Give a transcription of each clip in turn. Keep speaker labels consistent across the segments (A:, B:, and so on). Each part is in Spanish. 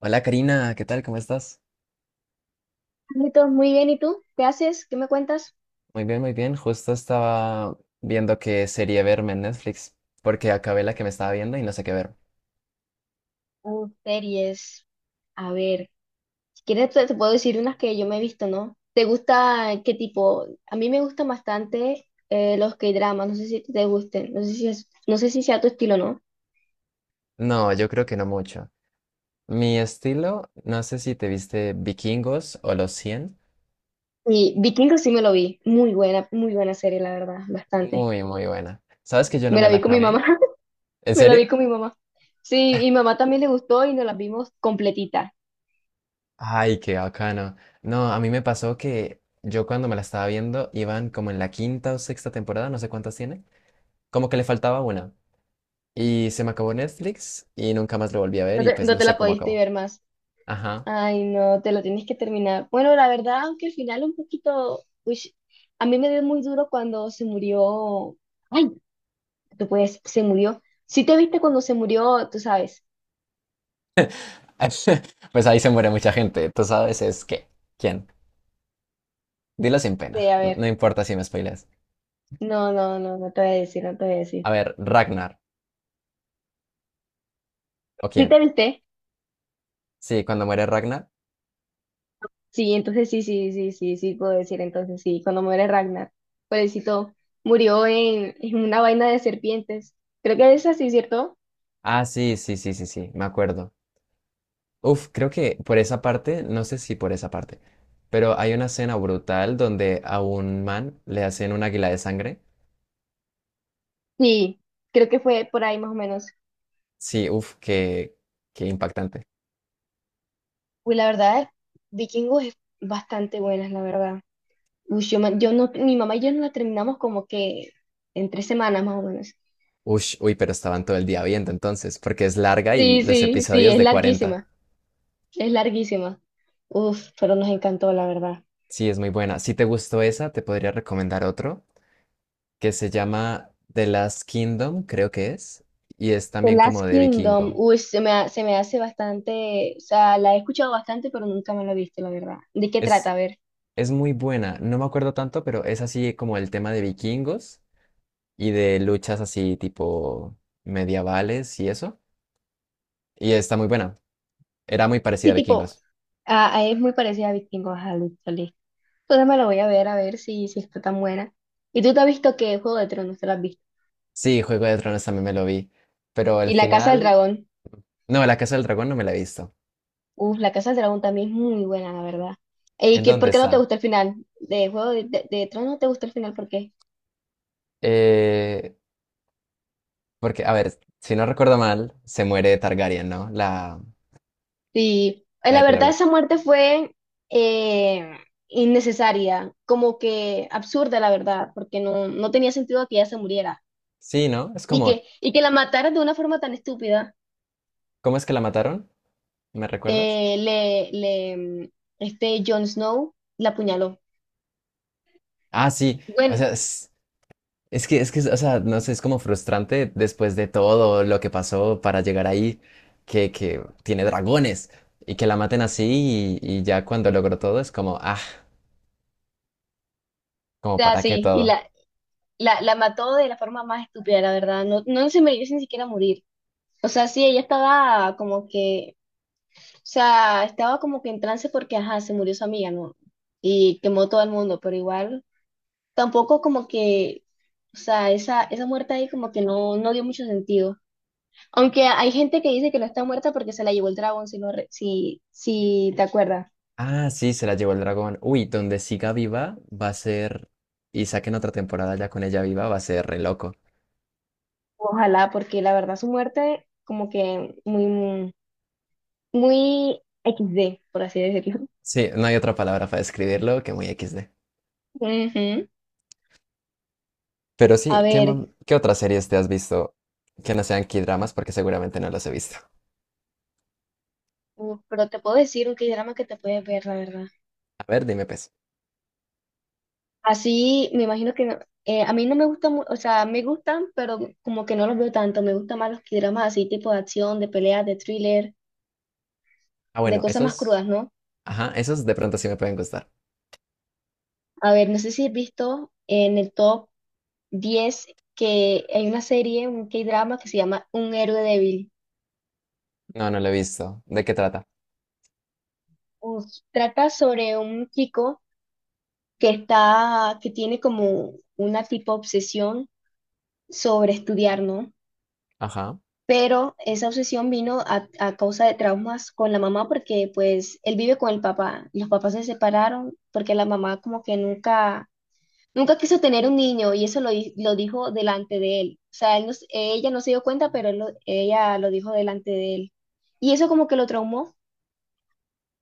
A: Hola Karina, ¿qué tal? ¿Cómo estás?
B: Carlitos, muy bien, ¿y tú? ¿Qué haces? ¿Qué me cuentas?
A: Muy bien. Justo estaba viendo qué serie verme en Netflix, porque acabé la que me estaba viendo y no sé qué ver.
B: Series. A ver, si quieres te puedo decir unas que yo me he visto, ¿no? ¿Te gusta qué tipo? A mí me gustan bastante los K-dramas, no sé si te gusten, no sé si sea tu estilo, ¿no?
A: No, yo creo que no mucho. Mi estilo, no sé si te viste Vikingos o Los cien.
B: Y Vikingos sí me lo vi, muy buena serie, la verdad, bastante.
A: Muy buena. ¿Sabes que yo no
B: Me
A: me
B: la
A: la
B: vi con mi
A: acabé?
B: mamá,
A: ¿En
B: me la
A: serio?
B: vi con mi mamá. Sí, y mamá también le gustó y nos la vimos completita.
A: Ay, qué bacano. No, a mí me pasó que yo cuando me la estaba viendo iban como en la quinta o sexta temporada, no sé cuántas tiene, como que le faltaba una. Y se me acabó Netflix y nunca más lo volví a ver y pues
B: No
A: no
B: te
A: sé
B: la
A: cómo
B: pudiste
A: acabó.
B: ver más.
A: Ajá.
B: Ay, no, te lo tienes que terminar. Bueno, la verdad, aunque al final un poquito, uish, a mí me dio muy duro cuando se murió. Ay, tú puedes, se murió. Si te viste cuando se murió, tú sabes.
A: Pues ahí se muere mucha gente. Tú sabes es qué. ¿Quién? Dilo sin
B: Sí,
A: pena.
B: a
A: No
B: ver.
A: importa si me spoileas.
B: No, no, no, no te voy a decir, no te voy a
A: A
B: decir.
A: ver, Ragnar. ¿O
B: ¿Sí
A: quién?
B: te viste?
A: Sí, cuando muere Ragnar.
B: Sí, entonces sí, sí, sí, sí, sí, puedo decir, entonces sí, cuando muere Ragnar, pobrecito, murió en una vaina de serpientes. Creo que es así, ¿cierto?
A: Ah, sí. Me acuerdo. Uf, creo que por esa parte, no sé si por esa parte, pero hay una escena brutal donde a un man le hacen un águila de sangre.
B: Sí, creo que fue por ahí más o menos.
A: Sí, uf, qué impactante.
B: Uy, la verdad, Vikingos es bastante buenas, la verdad. Uy, yo, me- yo no, mi mamá y yo no la terminamos como que en tres semanas más o menos.
A: Ush, uy, pero estaban todo el día viendo entonces, porque es larga y
B: Sí,
A: los
B: sí, sí,
A: episodios
B: es
A: de 40.
B: larguísima, es larguísima. Uf, pero nos encantó, la verdad.
A: Sí, es muy buena. Si te gustó esa, te podría recomendar otro que se llama The Last Kingdom, creo que es, y es
B: The
A: también como
B: Last
A: de
B: Kingdom,
A: vikingo.
B: uy, se me hace bastante, o sea, la he escuchado bastante, pero nunca me la he visto, la verdad. ¿De qué
A: Es,
B: trata? A ver.
A: es muy buena, no me acuerdo tanto, pero es así como el tema de vikingos y de luchas así tipo medievales y eso. Y está muy buena. Era muy parecida a
B: Sí, tipo,
A: vikingos.
B: ah, ah, es muy parecida a Vikingos, ajá, listo, listo. Entonces me la voy a ver si, si está tan buena. ¿Y tú te has visto qué Juego de Tronos? ¿Te la has visto?
A: Sí, Juego de Tronos también me lo vi, pero el
B: Y La Casa del
A: final...
B: Dragón.
A: No, La Casa del Dragón no me la he visto.
B: Uf, La Casa del Dragón también es muy buena, la verdad. ¿Y
A: ¿En
B: qué,
A: dónde
B: por qué no te
A: está?
B: gusta el final? De de Tronos no te gusta el final, ¿por qué?
A: Eh, Porque, a ver, si no recuerdo mal, se muere Targaryen, ¿no?
B: Sí,
A: La
B: la
A: de pelo
B: verdad
A: blanco.
B: esa muerte fue eh, innecesaria, como que absurda, la verdad, porque no, no tenía sentido que ella se muriera.
A: Sí, ¿no? Es como,
B: Y que la mataran de una forma tan estúpida,
A: ¿cómo es que la mataron? ¿Me recuerdas?
B: eh, le, le, mm, este Jon Snow la apuñaló.
A: Ah, sí. O
B: Bueno,
A: sea,
B: o
A: es que, o sea, no sé, es como frustrante después de todo lo que pasó para llegar ahí, que tiene dragones y que la maten así y ya cuando logró todo es como, ah, como
B: sea,
A: para qué
B: sí, y
A: todo.
B: la mató de la forma más estúpida, la verdad. No, no se merece ni siquiera morir. O sea, sí, ella estaba como que, o sea, estaba como que en trance porque, ajá, se murió su amiga, ¿no? Y quemó todo el mundo, pero igual, tampoco como que, o sea, esa muerte ahí como que no, no dio mucho sentido. Aunque hay gente que dice que no está muerta porque se la llevó el dragón, si, si te acuerdas.
A: Ah, sí, se la llevó el dragón. Uy, donde siga viva va a ser, y saquen otra temporada ya con ella viva, va a ser re loco.
B: Ojalá, porque la verdad su muerte como que muy, muy XD, por así decirlo.
A: Sí, no hay otra palabra para describirlo que muy equis de.
B: Ujú.
A: Pero
B: A
A: sí,
B: ver,
A: ¿qué otras series te has visto que no sean K-dramas? Porque seguramente no las he visto.
B: uf, pero te puedo decir un drama que te puedes ver, la verdad.
A: A ver, dime pues.
B: Así, me imagino que no- A mí no me gustan, o sea, me gustan, pero como que no los veo tanto. Me gustan más los dramas así, tipo de acción, de peleas, de thriller,
A: Ah,
B: de
A: bueno,
B: cosas más
A: esos.
B: crudas, ¿no?
A: Ajá, esos de pronto sí me pueden gustar.
B: A ver, no sé si has visto en el top 10 que hay una serie, un K-drama que se llama Un héroe débil.
A: No, no lo he visto. ¿De qué trata?
B: Uf, trata sobre un chico que está, que tiene como una tipo obsesión sobre estudiar, ¿no?
A: Ajá.
B: Pero esa obsesión vino a causa de traumas con la mamá porque pues él vive con el papá. Los papás se separaron porque la mamá como que nunca, nunca quiso tener un niño y lo dijo delante de él. O sea, él no s- ella no se dio cuenta, pero ella lo dijo delante de él. Y eso como que lo traumó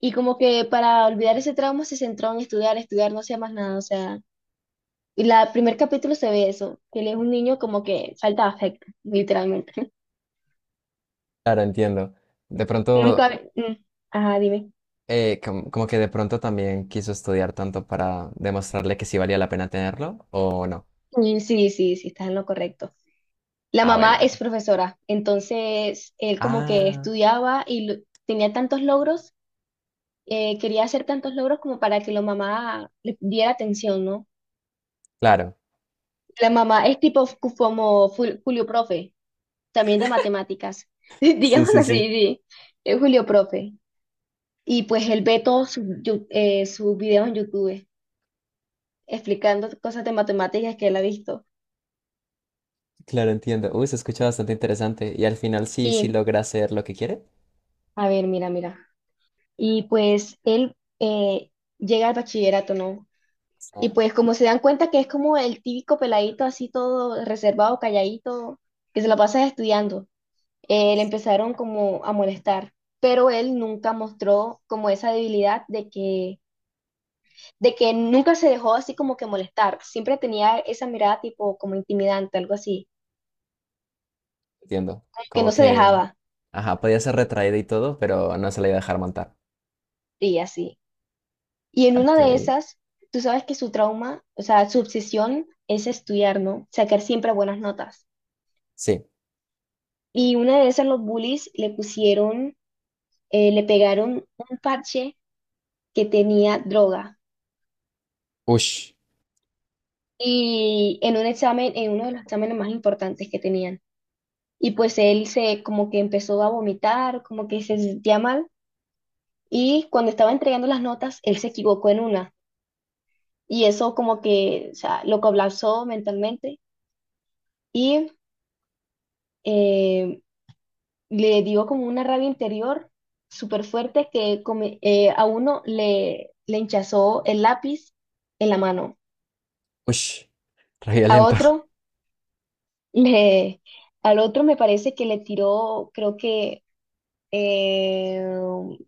B: y como que para olvidar ese trauma se centró en estudiar, estudiar, no hacía más nada. O sea, y la primer capítulo se ve eso, que él es un niño como que falta de afecto, literalmente.
A: Claro, entiendo. De pronto,
B: Nunca... mm, Ajá, dime.
A: como que de pronto también quiso estudiar tanto para demostrarle que sí valía la pena tenerlo, ¿o no?
B: Sí, sí, sí, estás en lo correcto. La
A: Ah, bueno,
B: mamá es
A: bueno.
B: profesora, entonces él como que
A: Ah,
B: tenía tantos logros, quería hacer tantos logros como para que la mamá le diera atención, ¿no?
A: claro.
B: La mamá es tipo Julio Profe, también de matemáticas,
A: Sí,
B: digámoslo
A: sí,
B: así,
A: sí.
B: sí, es Julio Profe. Y pues él ve sus videos en YouTube explicando cosas de matemáticas que él ha visto.
A: Claro, entiendo. Uy, se escucha bastante interesante. Y al final sí, sí
B: Y,
A: logra hacer lo que quiere.
B: a ver, mira, mira. Y pues él llega al bachillerato, ¿no? Y
A: Ah,
B: pues como se dan cuenta que es como el típico peladito así todo reservado, calladito, que se la pasa estudiando, le empezaron como a molestar. Pero él nunca mostró como esa debilidad de de que nunca se dejó así como que molestar. Siempre tenía esa mirada tipo como intimidante, algo así,
A: entiendo.
B: que
A: Como
B: no se
A: que,
B: dejaba
A: ajá, podía ser retraída y todo, pero no se la iba a dejar montar.
B: y así. Y en una de
A: Ok.
B: esas, tú sabes que su trauma, o sea, su obsesión es estudiar, ¿no? Sacar siempre buenas notas.
A: Sí.
B: Y una de esas los bullies le pegaron un parche que tenía droga.
A: Ush,
B: Y en un examen, en uno de los exámenes más importantes que tenían. Y pues como que empezó a vomitar, como que se sentía mal. Y cuando estaba entregando las notas, él se equivocó en una. Y eso como que, o sea, lo colapsó mentalmente. Y... em, Le dio como una rabia interior súper fuerte que a uno le, le hinchazó el lápiz en la mano,
A: ush, re
B: a
A: violento.
B: otro le, al otro me parece que le tiró, eh,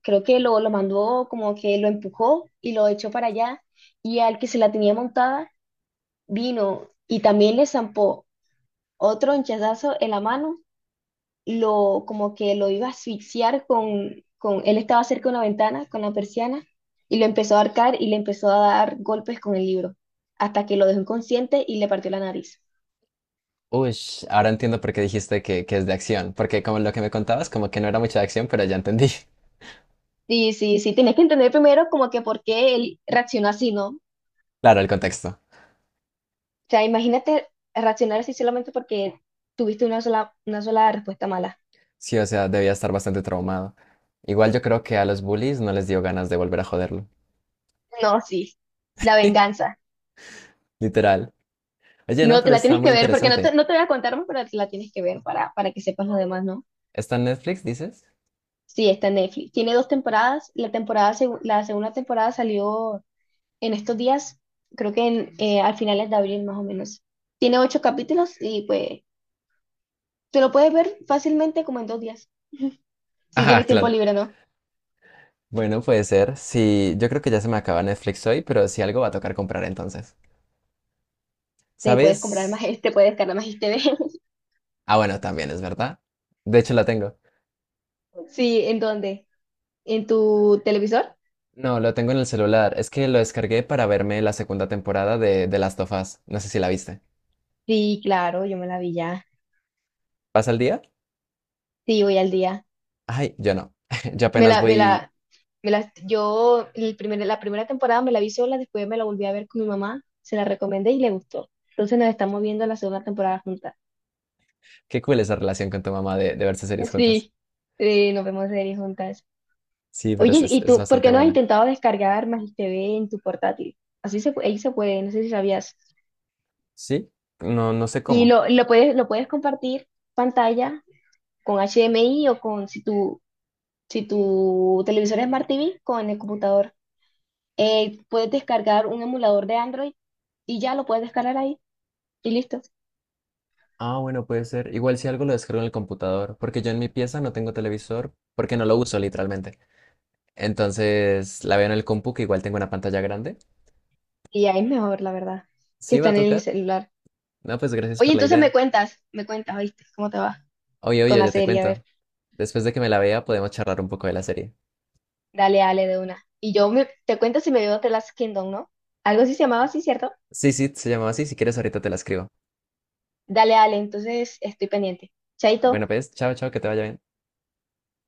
B: creo que lo mandó como que lo empujó y lo echó para allá y al que se la tenía montada vino y también le zampó otro hinchazazo en la mano lo, como que lo iba a asfixiar con, él estaba cerca de una ventana, con la persiana, y lo empezó a arcar y le empezó a dar golpes con el libro, hasta que lo dejó inconsciente y le partió la nariz.
A: Ush, ahora entiendo por qué dijiste que es de acción. Porque como lo que me contabas, como que no era mucha de acción, pero ya entendí.
B: Sí, sí, sí, tienes que entender primero como que por qué él reaccionó así, ¿no? O
A: Claro, el contexto.
B: sea, imagínate reaccionar así solamente porque tuviste una sola respuesta mala.
A: Sí, o sea, debía estar bastante traumado. Igual yo creo que a los bullies no les dio ganas de volver a joderlo.
B: No, sí, la venganza.
A: Literal. Oye, no,
B: No, te
A: pero
B: la
A: está
B: tienes que
A: muy
B: ver porque no
A: interesante.
B: te, no te voy a contar más, pero te la tienes que ver para que sepas lo demás, ¿no?
A: ¿Está en Netflix, dices?
B: Sí, está en Netflix. Tiene 2 temporadas. La segunda temporada salió en estos días, creo que al finales de abril más o menos. Tiene 8 capítulos y pues te lo puedes ver fácilmente como en 2 días. Si
A: Ajá,
B: tienes tiempo
A: claro.
B: libre, ¿no?
A: Bueno, puede ser. Sí, yo creo que ya se me acaba Netflix hoy, pero si algo va a tocar comprar entonces.
B: Te puedes comprar
A: ¿Sabes?
B: más, te puedes descargar más TV.
A: Ah, bueno, también es verdad. De hecho, la tengo.
B: Sí, ¿en dónde? ¿En tu televisor?
A: No, lo tengo en el celular. Es que lo descargué para verme la segunda temporada de Last of Us. No sé si la viste.
B: Sí, claro, yo me la vi ya.
A: ¿Pasa el día?
B: Sí, voy al día.
A: Ay, yo no. Yo
B: Me
A: apenas
B: la, me
A: voy.
B: la, yo la primera temporada me la vi sola, después me la volví a ver con mi mamá, se la recomendé y le gustó. Entonces nos estamos viendo la segunda temporada juntas.
A: Qué cool esa relación con tu mamá de verse series juntas.
B: Sí, sí, nos vemos series juntas.
A: Sí, pero
B: Oye, ¿y
A: es
B: tú por
A: bastante
B: qué no has
A: buena.
B: intentado descargar Magis TV en tu portátil? Ahí se puede, no sé si sabías.
A: ¿Sí? No, no sé
B: Y
A: cómo.
B: lo puedes compartir pantalla con HDMI o con si tu, si tu televisor es Smart TV con el computador. Puedes descargar un emulador de Android y ya lo puedes descargar ahí y listo.
A: Ah, bueno, puede ser. Igual si algo lo descargo en el computador, porque yo en mi pieza no tengo televisor, porque no lo uso literalmente. Entonces la veo en el compu, que igual tengo una pantalla grande.
B: Y ya es mejor, la verdad, que
A: Sí, va a
B: están en el
A: tocar.
B: celular.
A: No, pues gracias
B: Oye,
A: por la
B: entonces
A: idea.
B: me cuentas, ¿viste? ¿Cómo te va
A: Oye,
B: con
A: oye,
B: la
A: ya te
B: serie? A ver,
A: cuento. Después de que me la vea, podemos charlar un poco de la serie.
B: dale, dale de una. Y te cuento si me veo The Last Kingdom, ¿no? Algo así se llamaba así, ¿cierto?
A: Sí, se llamaba así. Si quieres, ahorita te la escribo.
B: Dale, dale, entonces estoy pendiente. Chaito.
A: Bueno, pues, chao, que te vaya bien.